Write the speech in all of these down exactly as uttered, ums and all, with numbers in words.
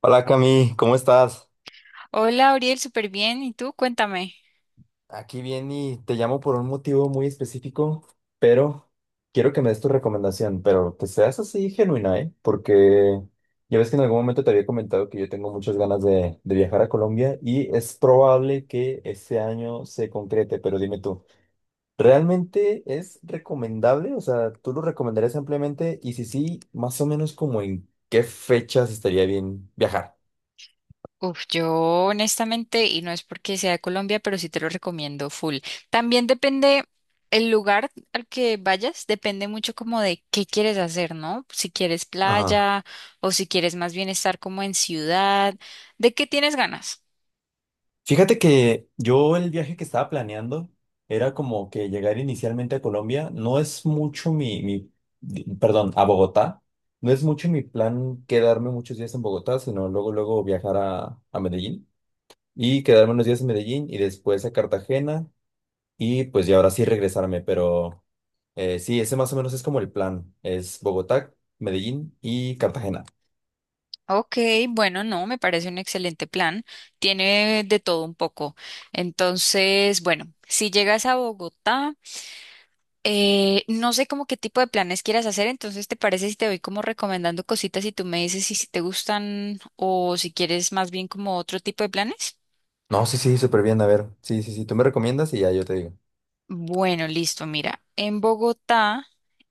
Hola Cami, ¿cómo estás? Hola, Ariel, súper bien. ¿Y tú? Cuéntame. Aquí bien y te llamo por un motivo muy específico, pero quiero que me des tu recomendación, pero que seas así genuina, ¿eh? Porque ya ves que en algún momento te había comentado que yo tengo muchas ganas de, de viajar a Colombia y es probable que este año se concrete, pero dime tú, ¿realmente es recomendable? O sea, ¿tú lo recomendarías ampliamente? Y si sí, más o menos como en qué fechas estaría bien viajar. Uf, yo honestamente, y no es porque sea de Colombia, pero sí te lo recomiendo full. También depende el lugar al que vayas, depende mucho como de qué quieres hacer, ¿no? Si quieres playa o si quieres más bien estar como en ciudad, ¿de qué tienes ganas? Fíjate que yo el viaje que estaba planeando era como que llegar inicialmente a Colombia. No es mucho mi, mi, di- perdón, a Bogotá. No es mucho mi plan quedarme muchos días en Bogotá, sino luego, luego viajar a, a Medellín y quedarme unos días en Medellín y después a Cartagena y pues ya ahora sí regresarme. Pero eh, sí, ese más o menos es como el plan. Es Bogotá, Medellín y Cartagena. Ok, bueno, no, me parece un excelente plan. Tiene de todo un poco. Entonces, bueno, si llegas a Bogotá. Eh, no sé como qué tipo de planes quieras hacer, entonces ¿te parece si te voy como recomendando cositas y tú me dices si, si te gustan o si quieres más bien como otro tipo de planes? No, sí, sí, súper bien. A ver, sí, sí, sí, tú me recomiendas y ya yo te digo. Bueno, listo, mira, en Bogotá,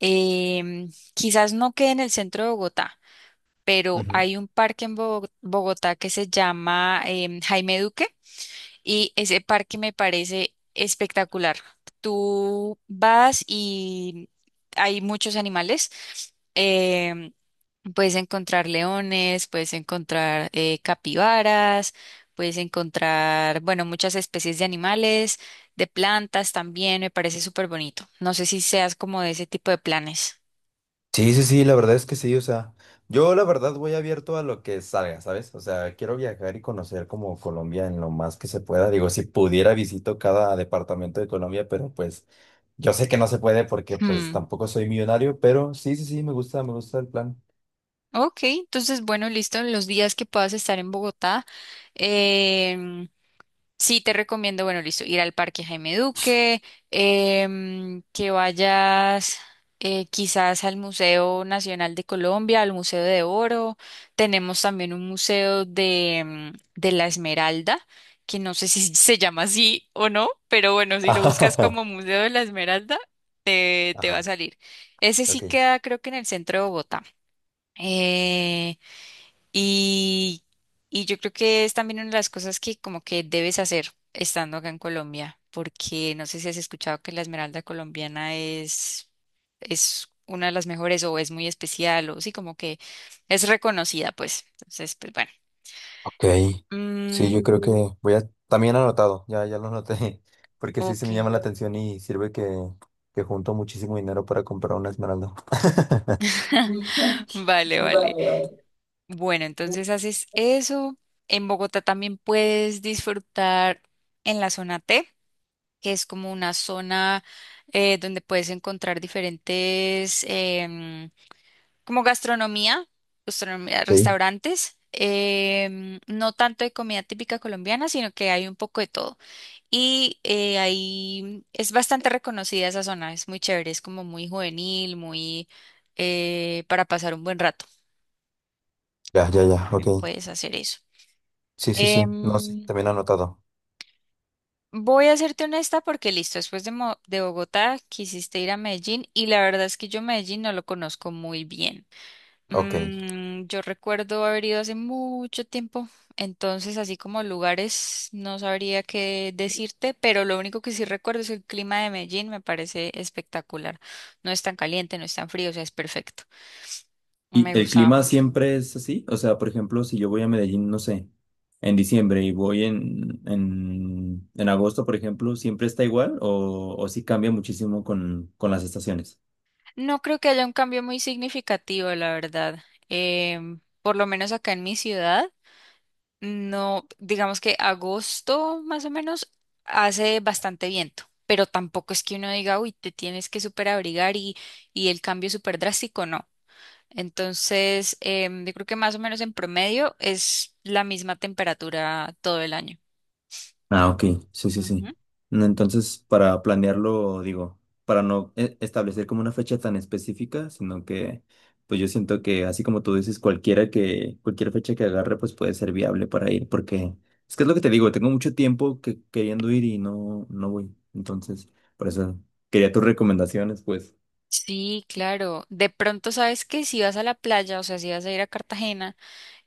em, quizás no quede en el centro de Bogotá, pero hay un parque en Bogo- Bogotá que se llama em, Jaime Duque, y ese parque me parece espectacular. Tú vas y hay muchos animales. em, Puedes encontrar leones, puedes encontrar eh, capibaras, puedes encontrar, bueno, muchas especies de animales, de plantas también, me parece súper bonito. No sé si seas como de ese tipo de planes. Sí, sí, sí, la verdad es que sí, o sea, yo la verdad voy abierto a lo que salga, ¿sabes? O sea, quiero viajar y conocer como Colombia en lo más que se pueda. Digo, si pudiera visito cada departamento de Colombia, pero pues yo sé que no se puede porque pues Hmm, tampoco soy millonario, pero sí, sí, sí, me gusta, me gusta el plan. Ok, entonces, bueno, listo, los días que puedas estar en Bogotá. Sí, te recomiendo, bueno, listo, ir al Parque Jaime Duque, em, que vayas, eh, quizás, al Museo Nacional de Colombia, al Museo de Oro. Tenemos también un museo de, em, de la Esmeralda, que no sé si se llama así o no, pero bueno, si lo buscas como Museo de la Esmeralda, te, te va a Ajá, salir. Ese sí ok. queda, creo que en el centro de Bogotá. Eh, y, y yo creo que es también una de las cosas que como que debes hacer estando acá en Colombia, porque no sé si has escuchado que la esmeralda colombiana es, es una de las mejores o es muy especial o sí, como que es reconocida, pues. Entonces, pues bueno. Ok, sí, Mm, yo creo que voy a, también anotado, ya, ya lo anoté, porque sí, se ok, me llama la atención y sirve que, que junto muchísimo dinero para comprar una esmeralda. vale, vale. Bueno, entonces haces eso. En Bogotá también puedes disfrutar en la zona T, que es como una zona eh, donde puedes encontrar diferentes, em, como gastronomía, gastronomía, Ok. restaurantes. Em, no tanto de comida típica colombiana, sino que hay un poco de todo. Y eh, ahí es bastante reconocida esa zona, es muy chévere, es como muy juvenil, muy eh, para pasar un buen rato. Ya, ya, ya, ok. También puedes hacer eso. Sí, sí, sí, no sé, Em, también anotado. Voy a serte honesta porque listo, después de, Mo- de Bogotá, quisiste ir a Medellín y la verdad es que yo Medellín no lo conozco muy bien. Ok. Mm, yo recuerdo haber ido hace mucho tiempo, entonces así como lugares no sabría qué decirte, pero lo único que sí recuerdo es el clima de Medellín, me parece espectacular. No es tan caliente, no es tan frío, o sea, es perfecto. ¿Y Me el gustaba clima mucho. siempre es así? O sea, por ejemplo, si yo voy a Medellín, no sé, en diciembre y voy en, en, en agosto, por ejemplo, ¿siempre está igual o, o sí cambia muchísimo con, con las estaciones? No creo que haya un cambio muy significativo, la verdad. Em, por lo menos acá en mi ciudad. No, digamos que agosto más o menos hace bastante viento, pero tampoco es que uno diga, uy, te tienes que súper abrigar, y, y el cambio es súper drástico, no. Entonces, em, yo creo que más o menos en promedio es la misma temperatura todo el año. Ah, ok, sí, sí, Ujú. sí. No, entonces, para planearlo, digo, para no e- establecer como una fecha tan específica, sino que, pues yo siento que, así como tú dices, cualquiera que, cualquier fecha que agarre, pues puede ser viable para ir, porque es que es lo que te digo, tengo mucho tiempo que, queriendo ir y no, no voy. Entonces, por eso quería tus recomendaciones, pues. Sí, claro. De pronto sabes que si vas a la playa, o sea, si vas a ir a Cartagena,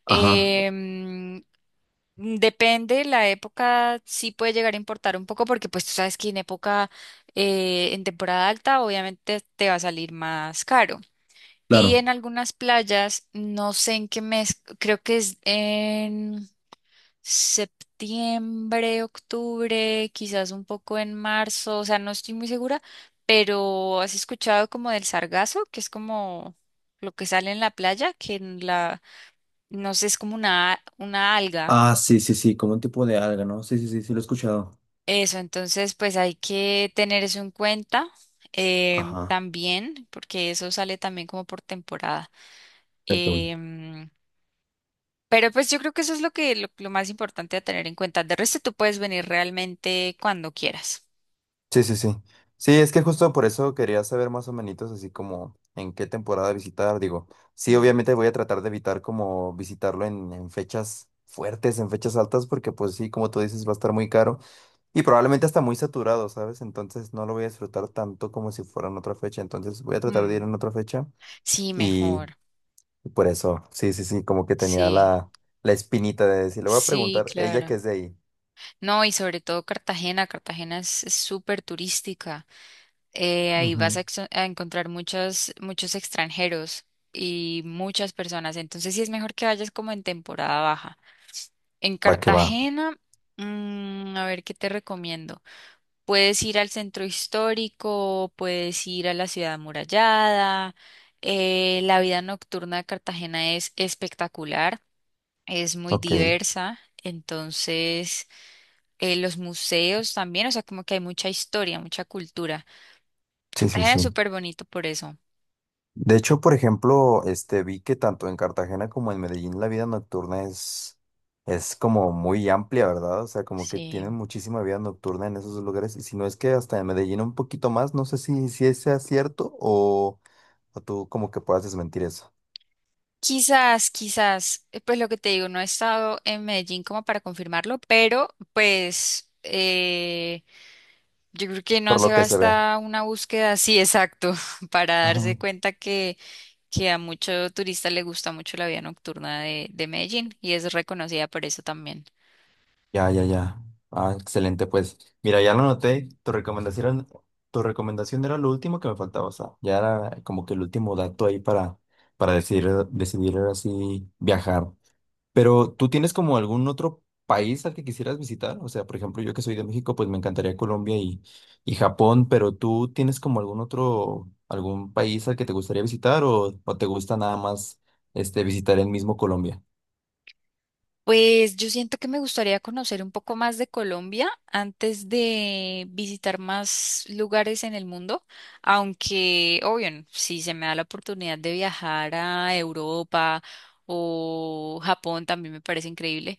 Ajá, em, Mm, depende, la época sí puede llegar a importar un poco porque pues tú sabes que en época, eh, en temporada alta obviamente te va a salir más caro. Y claro. en algunas playas, no sé en qué mes, creo que es en septiembre, octubre, quizás un poco en marzo, o sea, no estoy muy segura, pero ¿has escuchado como del sargazo, que es como lo que sale en la playa, que en la, no sé, es como una, una alga? Ah, sí, sí, sí, como un tipo de alga, ¿no? Sí, sí, sí, sí, lo he escuchado. Eso, entonces pues hay que tener eso en cuenta, em, Ajá. también, porque eso sale también como por temporada. Em, pero pues yo creo que eso es lo que lo, lo más importante a tener en cuenta. De resto tú puedes venir realmente cuando quieras. Sí, sí, sí. Sí, es que justo por eso quería saber más o menos así como en qué temporada visitar. Digo, sí, Mm, obviamente voy a tratar de evitar como visitarlo en, en fechas fuertes, en fechas altas, porque pues sí, como tú dices, va a estar muy caro y probablemente hasta muy saturado, ¿sabes? Entonces no lo voy a disfrutar tanto como si fuera en otra fecha. Entonces voy a tratar de ir mm. en otra fecha Sí, y mejor. y por eso, sí, sí, sí, como que tenía Sí, la, la espinita de decir, le voy a sí, preguntar, ella que claro. es de ahí. No, y sobre todo Cartagena. Cartagena es es súper turística. Eh, ahí vas a, Ujú. exo- a encontrar muchos, muchos extranjeros y muchas personas. Entonces sí es mejor que vayas como en temporada baja. En Va que va. Cartagena, mm, a ver qué te recomiendo. Puedes ir al centro histórico, puedes ir a la ciudad amurallada. Eh, la vida nocturna de Cartagena es espectacular, es muy Ok. diversa. Entonces, eh, los museos también, o sea, como que hay mucha historia, mucha cultura. Sí, sí, Cartagena sí. es súper bonito por eso. De hecho, por ejemplo, este vi que tanto en Cartagena como en Medellín la vida nocturna es, es como muy amplia, ¿verdad? O sea, como que tienen Sí. muchísima vida nocturna en esos lugares. Y si no es que hasta en Medellín un poquito más, no sé si, si ese sea cierto o, o tú como que puedas desmentir eso, Quizás, quizás, eh, pues lo que te digo, no he estado en Medellín como para confirmarlo, pero pues eh, yo creo que no por hace lo que se ve. basta una búsqueda así exacto para Ajá. darse cuenta que, que a mucho turista le gusta mucho la vida nocturna de, de Medellín y es reconocida por eso también. Ya, ya, ya. Ah, excelente, pues. Mira, ya lo noté. Tu recomendación, tu recomendación era lo último que me faltaba. O sea, ya era como que el último dato ahí para, para decidir, decidir así viajar. Pero ¿tú tienes como algún otro país al que quisieras visitar? O sea, por ejemplo, yo que soy de México, pues me encantaría Colombia y, y Japón, pero ¿tú tienes como algún otro, algún país al que te gustaría visitar o, o te gusta nada más este, visitar el mismo Colombia? Pues yo siento que me gustaría conocer un poco más de Colombia antes de visitar más lugares en el mundo, aunque, obvio, n- si se me da la oportunidad de viajar a Europa o Japón, también me parece increíble,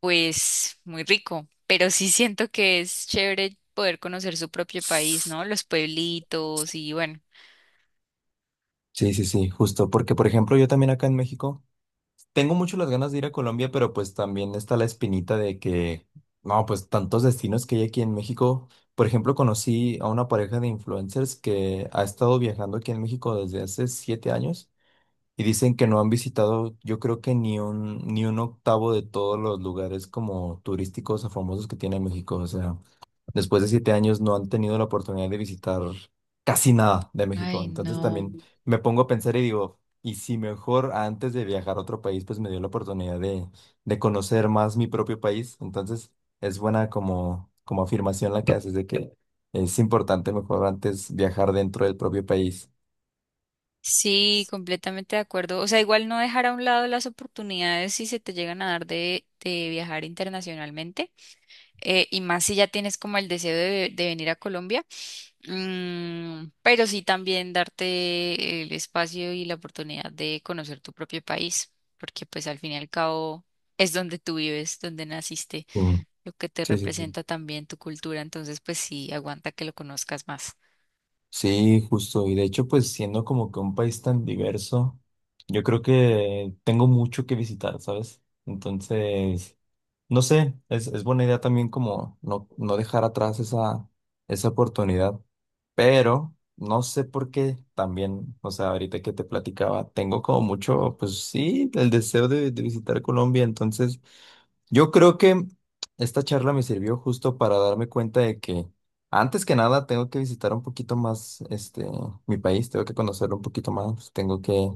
pues muy rico, pero sí siento que es chévere poder conocer su propio país, Sí, ¿no? Los pueblitos y bueno. sí, sí, justo, porque por ejemplo yo también acá en México tengo mucho las ganas de ir a Colombia, pero pues también está la espinita de que, no, pues tantos destinos que hay aquí en México. Por ejemplo, conocí a una pareja de influencers que ha estado viajando aquí en México desde hace siete años y dicen que no han visitado, yo creo que ni un, ni un octavo de todos los lugares como turísticos o famosos que tiene México. O sea, después de siete años no han tenido la oportunidad de visitar casi nada de México. Ay, Entonces no. también Mm, me pongo a pensar y digo, y si mejor antes de viajar a otro país, pues me dio la oportunidad de, de conocer más mi propio país. Entonces es buena como, como afirmación la que haces de que es importante mejor antes viajar dentro del propio país. Sí, completamente de acuerdo. O sea, igual no dejar a un lado las oportunidades si se te llegan a dar de, de viajar internacionalmente, eh, y más si ya tienes como el deseo de, de venir a Colombia. Mm, pero sí también darte el espacio y la oportunidad de conocer tu propio país, porque pues al fin y al cabo es donde tú vives, donde naciste, lo que te Sí, sí, sí. Sí, representa también tu cultura, entonces pues sí, aguanta que lo conozcas más. sí, justo. Y de hecho, pues siendo como que un país tan diverso, yo creo que tengo mucho que visitar, ¿sabes? Entonces... No sé, es, es buena idea también como no, no dejar atrás esa, esa oportunidad, pero no sé por qué también, o sea, ahorita que te platicaba, tengo como mucho, pues sí, el deseo de, de visitar Colombia, entonces yo creo que esta charla me sirvió justo para darme cuenta de que antes que nada tengo que visitar un poquito más este mi país, tengo que conocerlo un poquito más, tengo que,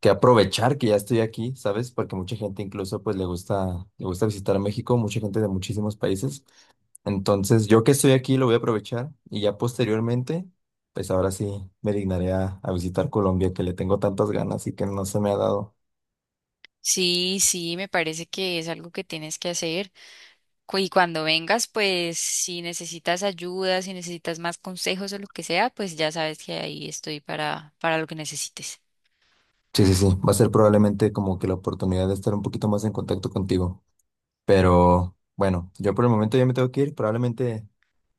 que aprovechar que ya estoy aquí, ¿sabes? Porque mucha gente incluso pues le gusta le gusta visitar México, mucha gente de muchísimos países. Entonces, yo que estoy aquí lo voy a aprovechar y ya posteriormente pues ahora sí me dignaré a, a visitar Colombia que le tengo tantas ganas y que no se me ha dado. Sí, sí, me parece que es algo que tienes que hacer. cu- Y cuando vengas, pues si necesitas ayuda, si necesitas más consejos o lo que sea, pues ya sabes que ahí estoy para, para lo que necesites. Sí, sí, sí. Va a ser probablemente como que la oportunidad de estar un poquito más en contacto contigo. Pero bueno, yo por el momento ya me tengo que ir. Probablemente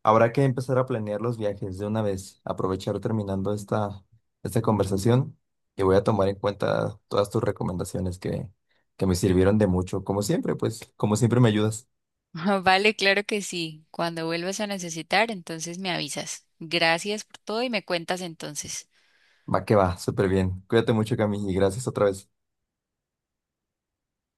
habrá que empezar a planear los viajes de una vez. Aprovechar terminando esta, esta conversación y voy a tomar en cuenta todas tus recomendaciones que, que me sirvieron de mucho. Como siempre, pues, como siempre me ayudas. Vale, claro que sí. Cuando vuelvas a necesitar, entonces me avisas. Gracias por todo y me cuentas entonces. Va que va, súper bien. Cuídate mucho, Cami, y gracias otra vez.